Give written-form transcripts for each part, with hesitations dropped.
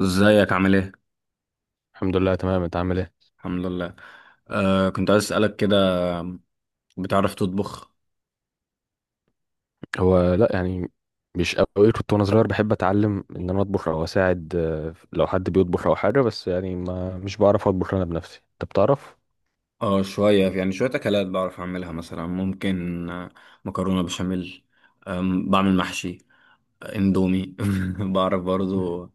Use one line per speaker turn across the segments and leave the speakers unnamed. ازيك عامل ايه؟
الحمد لله، تمام. انت عامل ايه؟
الحمد لله. كنت عايز اسألك كده. بتعرف تطبخ؟
هو لا يعني مش قوي. كنت وانا صغير بحب اتعلم ان انا اطبخ او اساعد، لو حد بيطبخ او حاجه. بس يعني ما مش بعرف اطبخ انا بنفسي. انت بتعرف؟
اه، شوية يعني شوية أكلات بعرف أعملها، مثلا ممكن مكرونة بشاميل. بعمل محشي. اندومي بعرف برضو.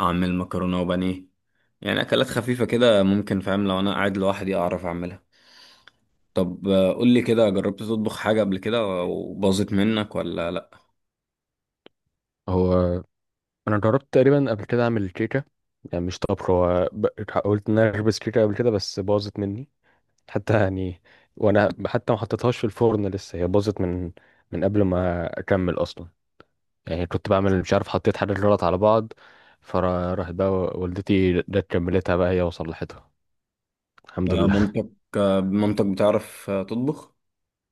أعمل مكرونة وبانيه. يعني أكلات خفيفة كده ممكن، فاهم؟ لو أنا قاعد لوحدي أعرف أعملها. طب قول لي كده، جربت تطبخ حاجة قبل كده وباظت منك ولا لأ؟
هو انا جربت تقريبا قبل كده اعمل كيكه. يعني مش طبخ. هو قلت ان انا اخبز كيكه قبل كده بس باظت مني. حتى يعني، وانا حتى ما حطيتهاش في الفرن لسه، هي باظت من قبل ما اكمل اصلا. يعني كنت بعمل مش عارف، حطيت حاجات غلط على بعض. فراحت بقى والدتي جت كملتها بقى هي وصلحتها. الحمد لله.
مامتك. مامتك بتعرف تطبخ؟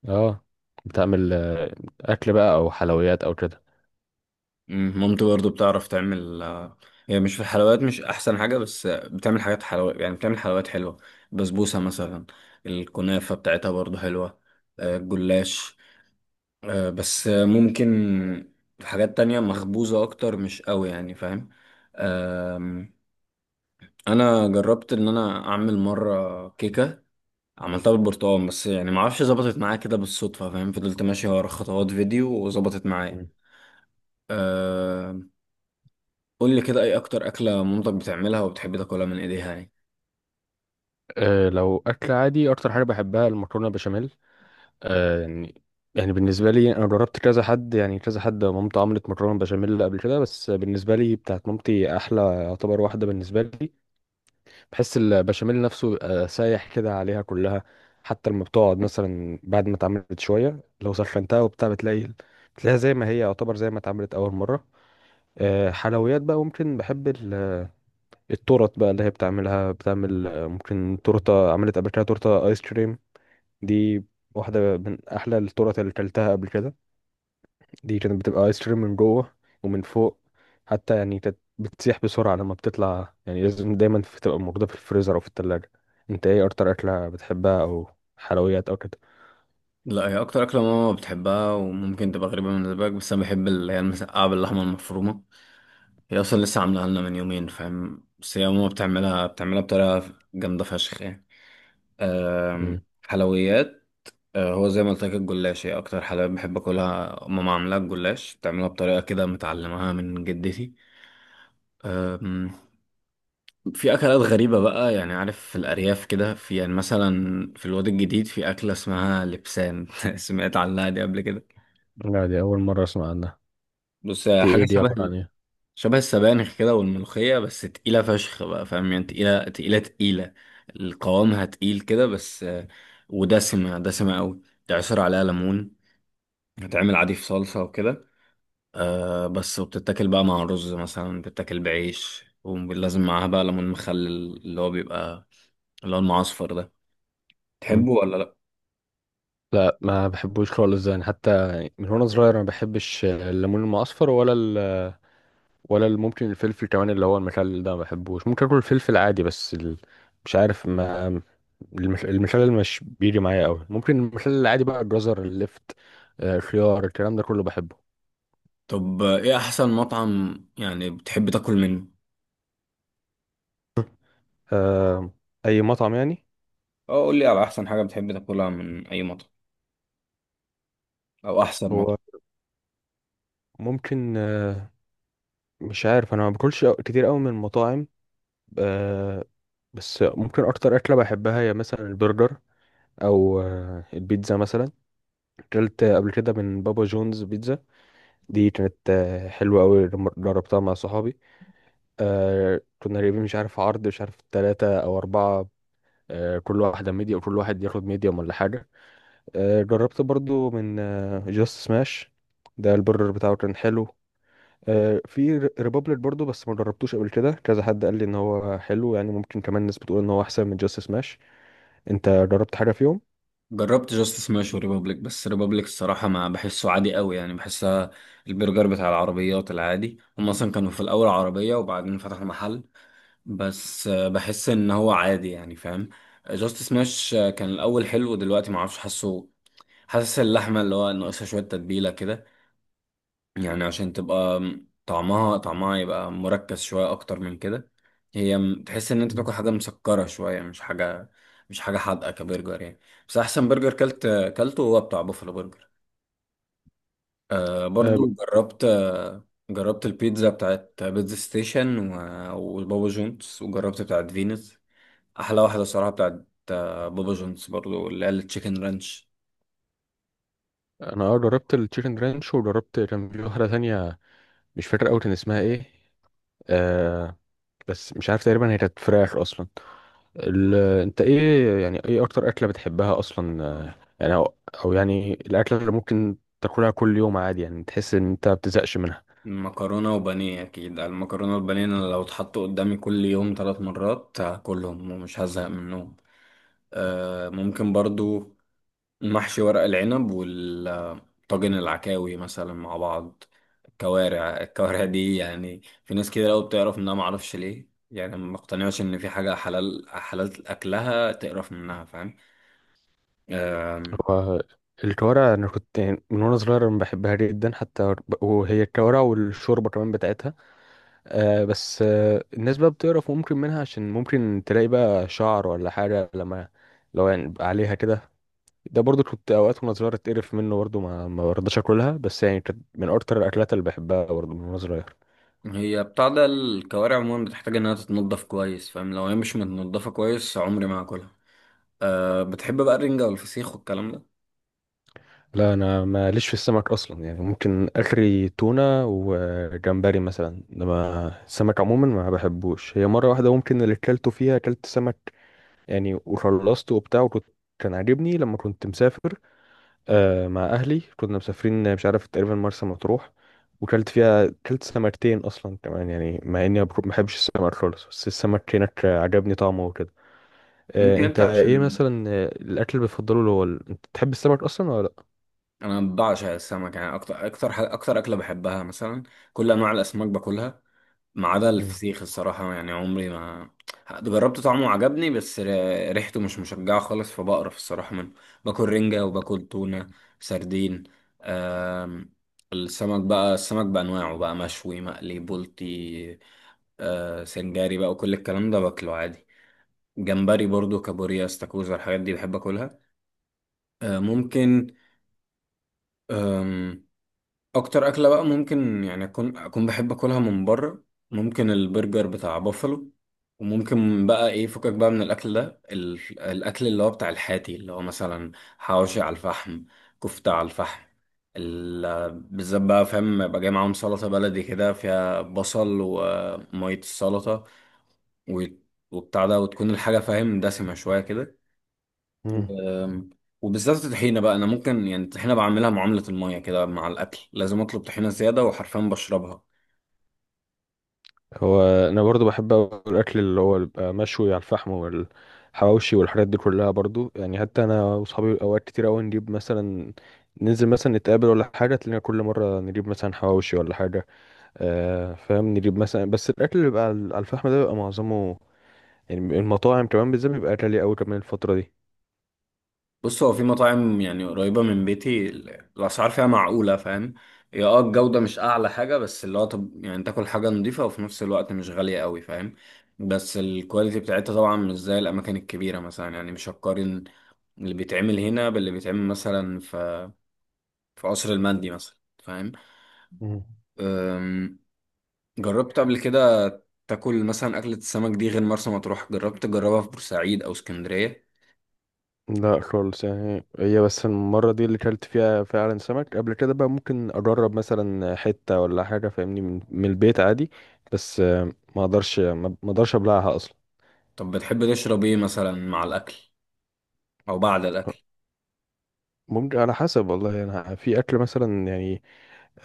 اه، بتعمل اكل بقى او حلويات او كده.
مامتي برضه بتعرف تعمل هي مش في الحلويات مش احسن حاجه، بس بتعمل حاجات حلويات. يعني بتعمل حلويات حلوه. بسبوسه مثلا. الكنافه بتاعتها برضه حلوه. الجلاش. بس ممكن حاجات تانية مخبوزه اكتر مش قوي، يعني فاهم. آم، انا جربت ان انا اعمل مره كيكه. عملتها بالبرتقال، بس يعني معرفش ظبطت معايا كده بالصدفه فاهم، فضلت ماشي ورا خطوات فيديو وظبطت معايا.
مم.
قول لي كده، ايه اكتر اكله مامتك بتعملها وبتحب تاكلها من ايديها يعني؟
أه، لو اكل عادي اكتر حاجه بحبها المكرونه بشاميل. أه يعني، يعني بالنسبه لي انا جربت كذا حد، يعني كذا حد مامته عملت مكرونه بشاميل قبل كده، بس بالنسبه لي بتاعت مامتي احلى، يعتبر واحده بالنسبه لي. بحس البشاميل نفسه بيبقى سايح كده عليها كلها. حتى لما بتقعد مثلا بعد ما اتعملت شويه، لو سخنتها وبتاع بتلاقيها زي ما هي، يعتبر زي ما اتعملت اول مره. حلويات بقى، ممكن بحب التورت بقى اللي هي بتعملها. بتعمل ممكن تورته، عملت قبل كده تورته ايس كريم. دي واحده من احلى التورت اللي كلتها قبل كده. دي كانت بتبقى ايس كريم من جوه ومن فوق. حتى يعني كانت بتسيح بسرعة لما بتطلع، يعني لازم دايما تبقى موجودة في الفريزر أو في التلاجة. انت ايه أكتر أكلة بتحبها؟ أو حلويات أو كده؟
لا، هي اكتر اكله ماما بتحبها وممكن تبقى غريبه بالنسبه لك، بس انا بحب اللي هي المسقعه باللحمه المفرومه. هي اصلا لسه عاملاها لنا من يومين فاهم، بس هي ماما بتعملها بطريقه جامده فشخ يعني.
مم.
حلويات. هو زي ما قلت لك، الجلاش هي اكتر حلويات بحب اكلها. ماما عاملاها الجلاش بتعملها بطريقه كده متعلمها من جدتي. في اكلات غريبه بقى يعني، عارف، في الارياف كده، في يعني مثلا في الواد الجديد في اكله اسمها لبسان سمعت عنها دي قبل كده؟
لا، دي أول مرة أسمع عنها.
بص، هي
دي إيه؟
حاجه
دي
شبه
عبارة عن إيه؟
شبه السبانخ كده والملوخيه، بس تقيله فشخ بقى فاهم يعني، تقيله تقيله تقيله. القوامها تقيل كده بس ودسمه دسمه قوي. تعصر عليها ليمون. هتعمل عادي في صلصه وكده. أه، بس وبتتاكل بقى مع رز مثلا، بتتاكل بعيش، ولازم معاها بقى ليمون مخلل اللي هو بيبقى اللي هو المعصفر ده.
مم.
تحبه ولا لا؟
لا، ما بحبوش خالص. يعني حتى من وأنا صغير ما بحبش الليمون المعصفر ولا ممكن الفلفل كمان اللي هو المخلل ده ما بحبوش. ممكن اكل الفلفل عادي، بس ال... مش عارف. ما المخلل مش بيجي معايا قوي. ممكن المخلل العادي بقى الجزر، اللفت، خيار، الكلام ده كله بحبه.
طب ايه احسن مطعم يعني بتحب تاكل منه؟
آه، اي مطعم يعني.
اه، قول لي على احسن حاجه بتحب تاكلها من اي مطعم، او احسن
هو
مطعم.
ممكن مش عارف، انا ما باكلش كتير قوي من المطاعم. آه، بس ممكن اكتر اكله بحبها هي مثلا البرجر، او البيتزا مثلا. اكلت قبل كده من بابا جونز بيتزا. دي كانت حلوة أوي لما جربتها مع صحابي. كنا جايبين مش عارف عرض مش عارف تلاتة أو أربعة. كل واحدة ميديا، وكل واحد ياخد ميديوم ولا حاجة. جربت برضو من جاست سماش، ده البرجر بتاعه كان حلو. في ريبابليك برضو، بس ما جربتوش قبل كده. كذا حد قال لي إن هو حلو، يعني ممكن كمان ناس بتقول إن هو أحسن من جاست سماش. أنت جربت حاجة فيهم؟
جربت جاست سماش وريبابليك، بس ريبابليك الصراحه ما بحسه عادي قوي، يعني بحسها البرجر بتاع العربيات العادي. هم اصلا كانوا في الاول عربيه وبعدين فتحوا محل. بس بحس ان هو عادي يعني فاهم. جاست سماش كان الاول حلو، دلوقتي ما اعرفش. حاسه حاسس اللحمه اللي هو ناقصها شويه تتبيله كده، يعني عشان تبقى طعمها يبقى مركز شوية أكتر من كده. هي تحس إن أنت
مم.
بتاكل حاجة مسكرة شوية، مش حاجة حادقة كبرجر يعني. بس أحسن برجر كلته هو بتاع بوفالو برجر.
آه، ب-
برضو جربت البيتزا بتاعت بيتزا ستيشن وبابا جونز، وجربت بتاعت فينوس. أحلى واحدة صراحة بتاعت بابا جونز برضو اللي هي التشيكن رانش.
انا جربت التشيكن رانش، وجربت كان في واحده تانية مش فاكر قوي كان اسمها ايه. آه بس مش عارف، تقريبا هي كانت فراخ اصلا. ال... انت ايه يعني، ايه اكتر اكلة بتحبها اصلا؟ أو يعني الاكلة اللي ممكن تاكلها كل يوم عادي، يعني تحس ان انت ما بتزهقش منها.
مكرونة وبانيه أكيد. المكرونة والبانيه أنا لو اتحطوا قدامي كل يوم 3 مرات هاكلهم ومش هزهق منهم. ممكن برضو محشي ورق العنب والطاجن، العكاوي مثلا مع بعض. الكوارع دي يعني في ناس كده لو بتعرف منها معرفش ليه، يعني ما بقتنعش إن في حاجة حلال حلال أكلها تقرف منها فاهم.
هو الكوارع انا كنت يعني من وانا صغير أنا بحبها جدا. حتى وهي الكوارع والشوربة كمان بتاعتها. بس الناس بقى بتقرف ممكن منها عشان ممكن تلاقي بقى شعر ولا حاجة، لما لو يعني بقى عليها كده. ده برضو كنت اوقات وانا صغير اتقرف منه برضو، ما برضاش اكلها، بس يعني كانت من اكتر الاكلات اللي بحبها برضو من وانا صغير.
هي بتاع ده، الكوارع عموما بتحتاج إنها تتنضف كويس فاهم، لو هي مش متنضفة كويس عمري ما هاكلها. أه، بتحب بقى الرنجة والفسيخ والكلام ده؟
لا، انا ماليش في السمك اصلا. يعني ممكن اخري تونة وجمبري مثلا، انما السمك عموما ما بحبوش. هي مرة واحدة ممكن اللي اكلته فيها اكلت سمك، يعني وخلصته وبتاع، كان عاجبني لما كنت مسافر. مع اهلي كنا مسافرين مش عارف، تقريبا مرسى مطروح. وكلت فيها كلت سمكتين اصلا كمان. يعني مع اني ما بحبش السمك خالص، بس السمك هناك عجبني طعمه وكده.
ممكن
انت
انت
ايه
عشان
مثلا الاكل اللي بتفضله اللي هو انت بتحب السمك اصلا ولا لا؟
انا بعشق السمك، يعني اكتر اكلة بحبها مثلا. كل انواع الاسماك باكلها ما عدا
مم.
الفسيخ الصراحة، يعني عمري ما جربت طعمه وعجبني، بس ريحته مش مشجعة خالص فبقرف الصراحة منه. باكل رنجة وباكل تونة، سردين. أم... السمك بأنواعه بقى مشوي مقلي بلطي. سنجاري بقى وكل الكلام ده باكله عادي. جمبري برضو، كابوريا، استاكوزا، الحاجات دي بحب اكلها. ممكن آم، اكتر اكله بقى ممكن يعني اكون بحب اكلها من بره ممكن البرجر بتاع بافلو. وممكن بقى ايه فكك بقى من الاكل ده، الاكل اللي هو بتاع الحاتي اللي هو مثلا حواوشي على الفحم، كفته على الفحم. بالذات بقى فاهم، يبقى جاي معاهم سلطه بلدي كده فيها بصل وميه السلطه و- وبتاع ده، وتكون الحاجه فاهم دسمه شويه كده
مم.
و- وبالذات الطحينة بقى. أنا ممكن يعني الطحينة بعملها معاملة المية كده مع الأكل، لازم أطلب طحينة زيادة وحرفيا بشربها.
هو انا برضو بحب أوي الاكل اللي هو بيبقى مشوي على الفحم والحواوشي والحاجات دي كلها برضو. يعني حتى انا واصحابي اوقات كتير قوي نجيب مثلا، ننزل مثلا نتقابل ولا حاجه، تلاقينا كل مره نجيب مثلا حواوشي ولا حاجه. فاهم، نجيب مثلا، بس الاكل اللي بيبقى على الفحم ده بيبقى معظمه، يعني المطاعم كمان بالذات بيبقى غالي قوي كمان الفتره دي.
بص، هو في مطاعم يعني قريبة من بيتي الأسعار فيها معقولة فاهم. هي الجودة مش أعلى حاجة، بس اللي هو، طب يعني تاكل حاجة نظيفة وفي نفس الوقت مش غالية قوي فاهم. بس الكواليتي بتاعتها طبعا مش زي الأماكن الكبيرة، مثلا يعني مش هقارن اللي بيتعمل هنا باللي بيتعمل مثلا في قصر المندي مثلا
مم.
فاهم. جربت قبل كده تاكل مثلا أكلة السمك دي غير مرسى مطروح؟ جربت تجربها في بورسعيد أو اسكندرية؟
لا خالص. يعني هي بس المرة دي اللي كلت فيها فعلا سمك قبل كده، بقى ممكن أجرب مثلا حتة ولا حاجة فاهمني من البيت عادي. بس ما أقدرش أبلعها أصلا.
طب بتحب تشرب ايه مثلا مع الأكل أو بعد الأكل؟
ممكن على حسب والله. أنا في أكل مثلا يعني،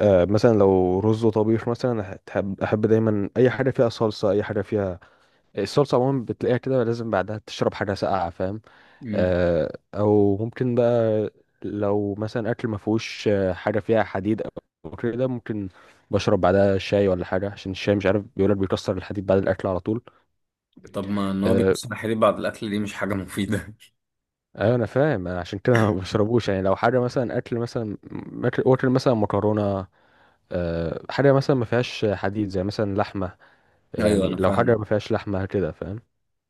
مثلا لو رز وطبيخ مثلا، أحب دايما أي حاجة فيها صلصة، أي حاجة فيها الصلصة عموما بتلاقيها كده لازم بعدها تشرب حاجة ساقعة، فاهم؟
مم.
او ممكن بقى لو مثلا اكل ما فيهوش حاجه فيها حديد او كده، ممكن بشرب بعدها شاي ولا حاجه عشان الشاي مش عارف بيقولك بيكسر الحديد بعد الاكل على طول.
طب ما إن هو
أه،
بيكسر الحليب بعد الأكل دي مش حاجة مفيدة.
أيوة انا فاهم. عشان كده ما بشربوش، يعني لو حاجه مثلا اكل مثلا، أكل مثلا مكرونه. حاجه مثلا ما فيهاش حديد زي مثلا لحمه،
أيوه
يعني
أنا
لو حاجه
فاهمك.
ما فيهاش لحمه كده، فاهم؟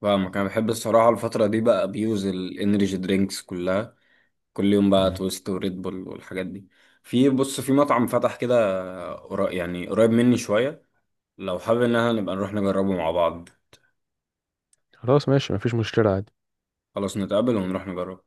فاهمك، أنا بحب الصراحة الفترة دي بقى أبيوز الإنرجي درينكس كلها، كل يوم بقى
مم.
تويست وريد بول والحاجات دي. بص، في مطعم فتح كده يعني قريب مني شوية، لو حابب إن احنا نبقى نروح نجربه مع بعض.
خلاص ماشي، مفيش مشكله عادي.
خلاص، نتقابل ونروح نجربه.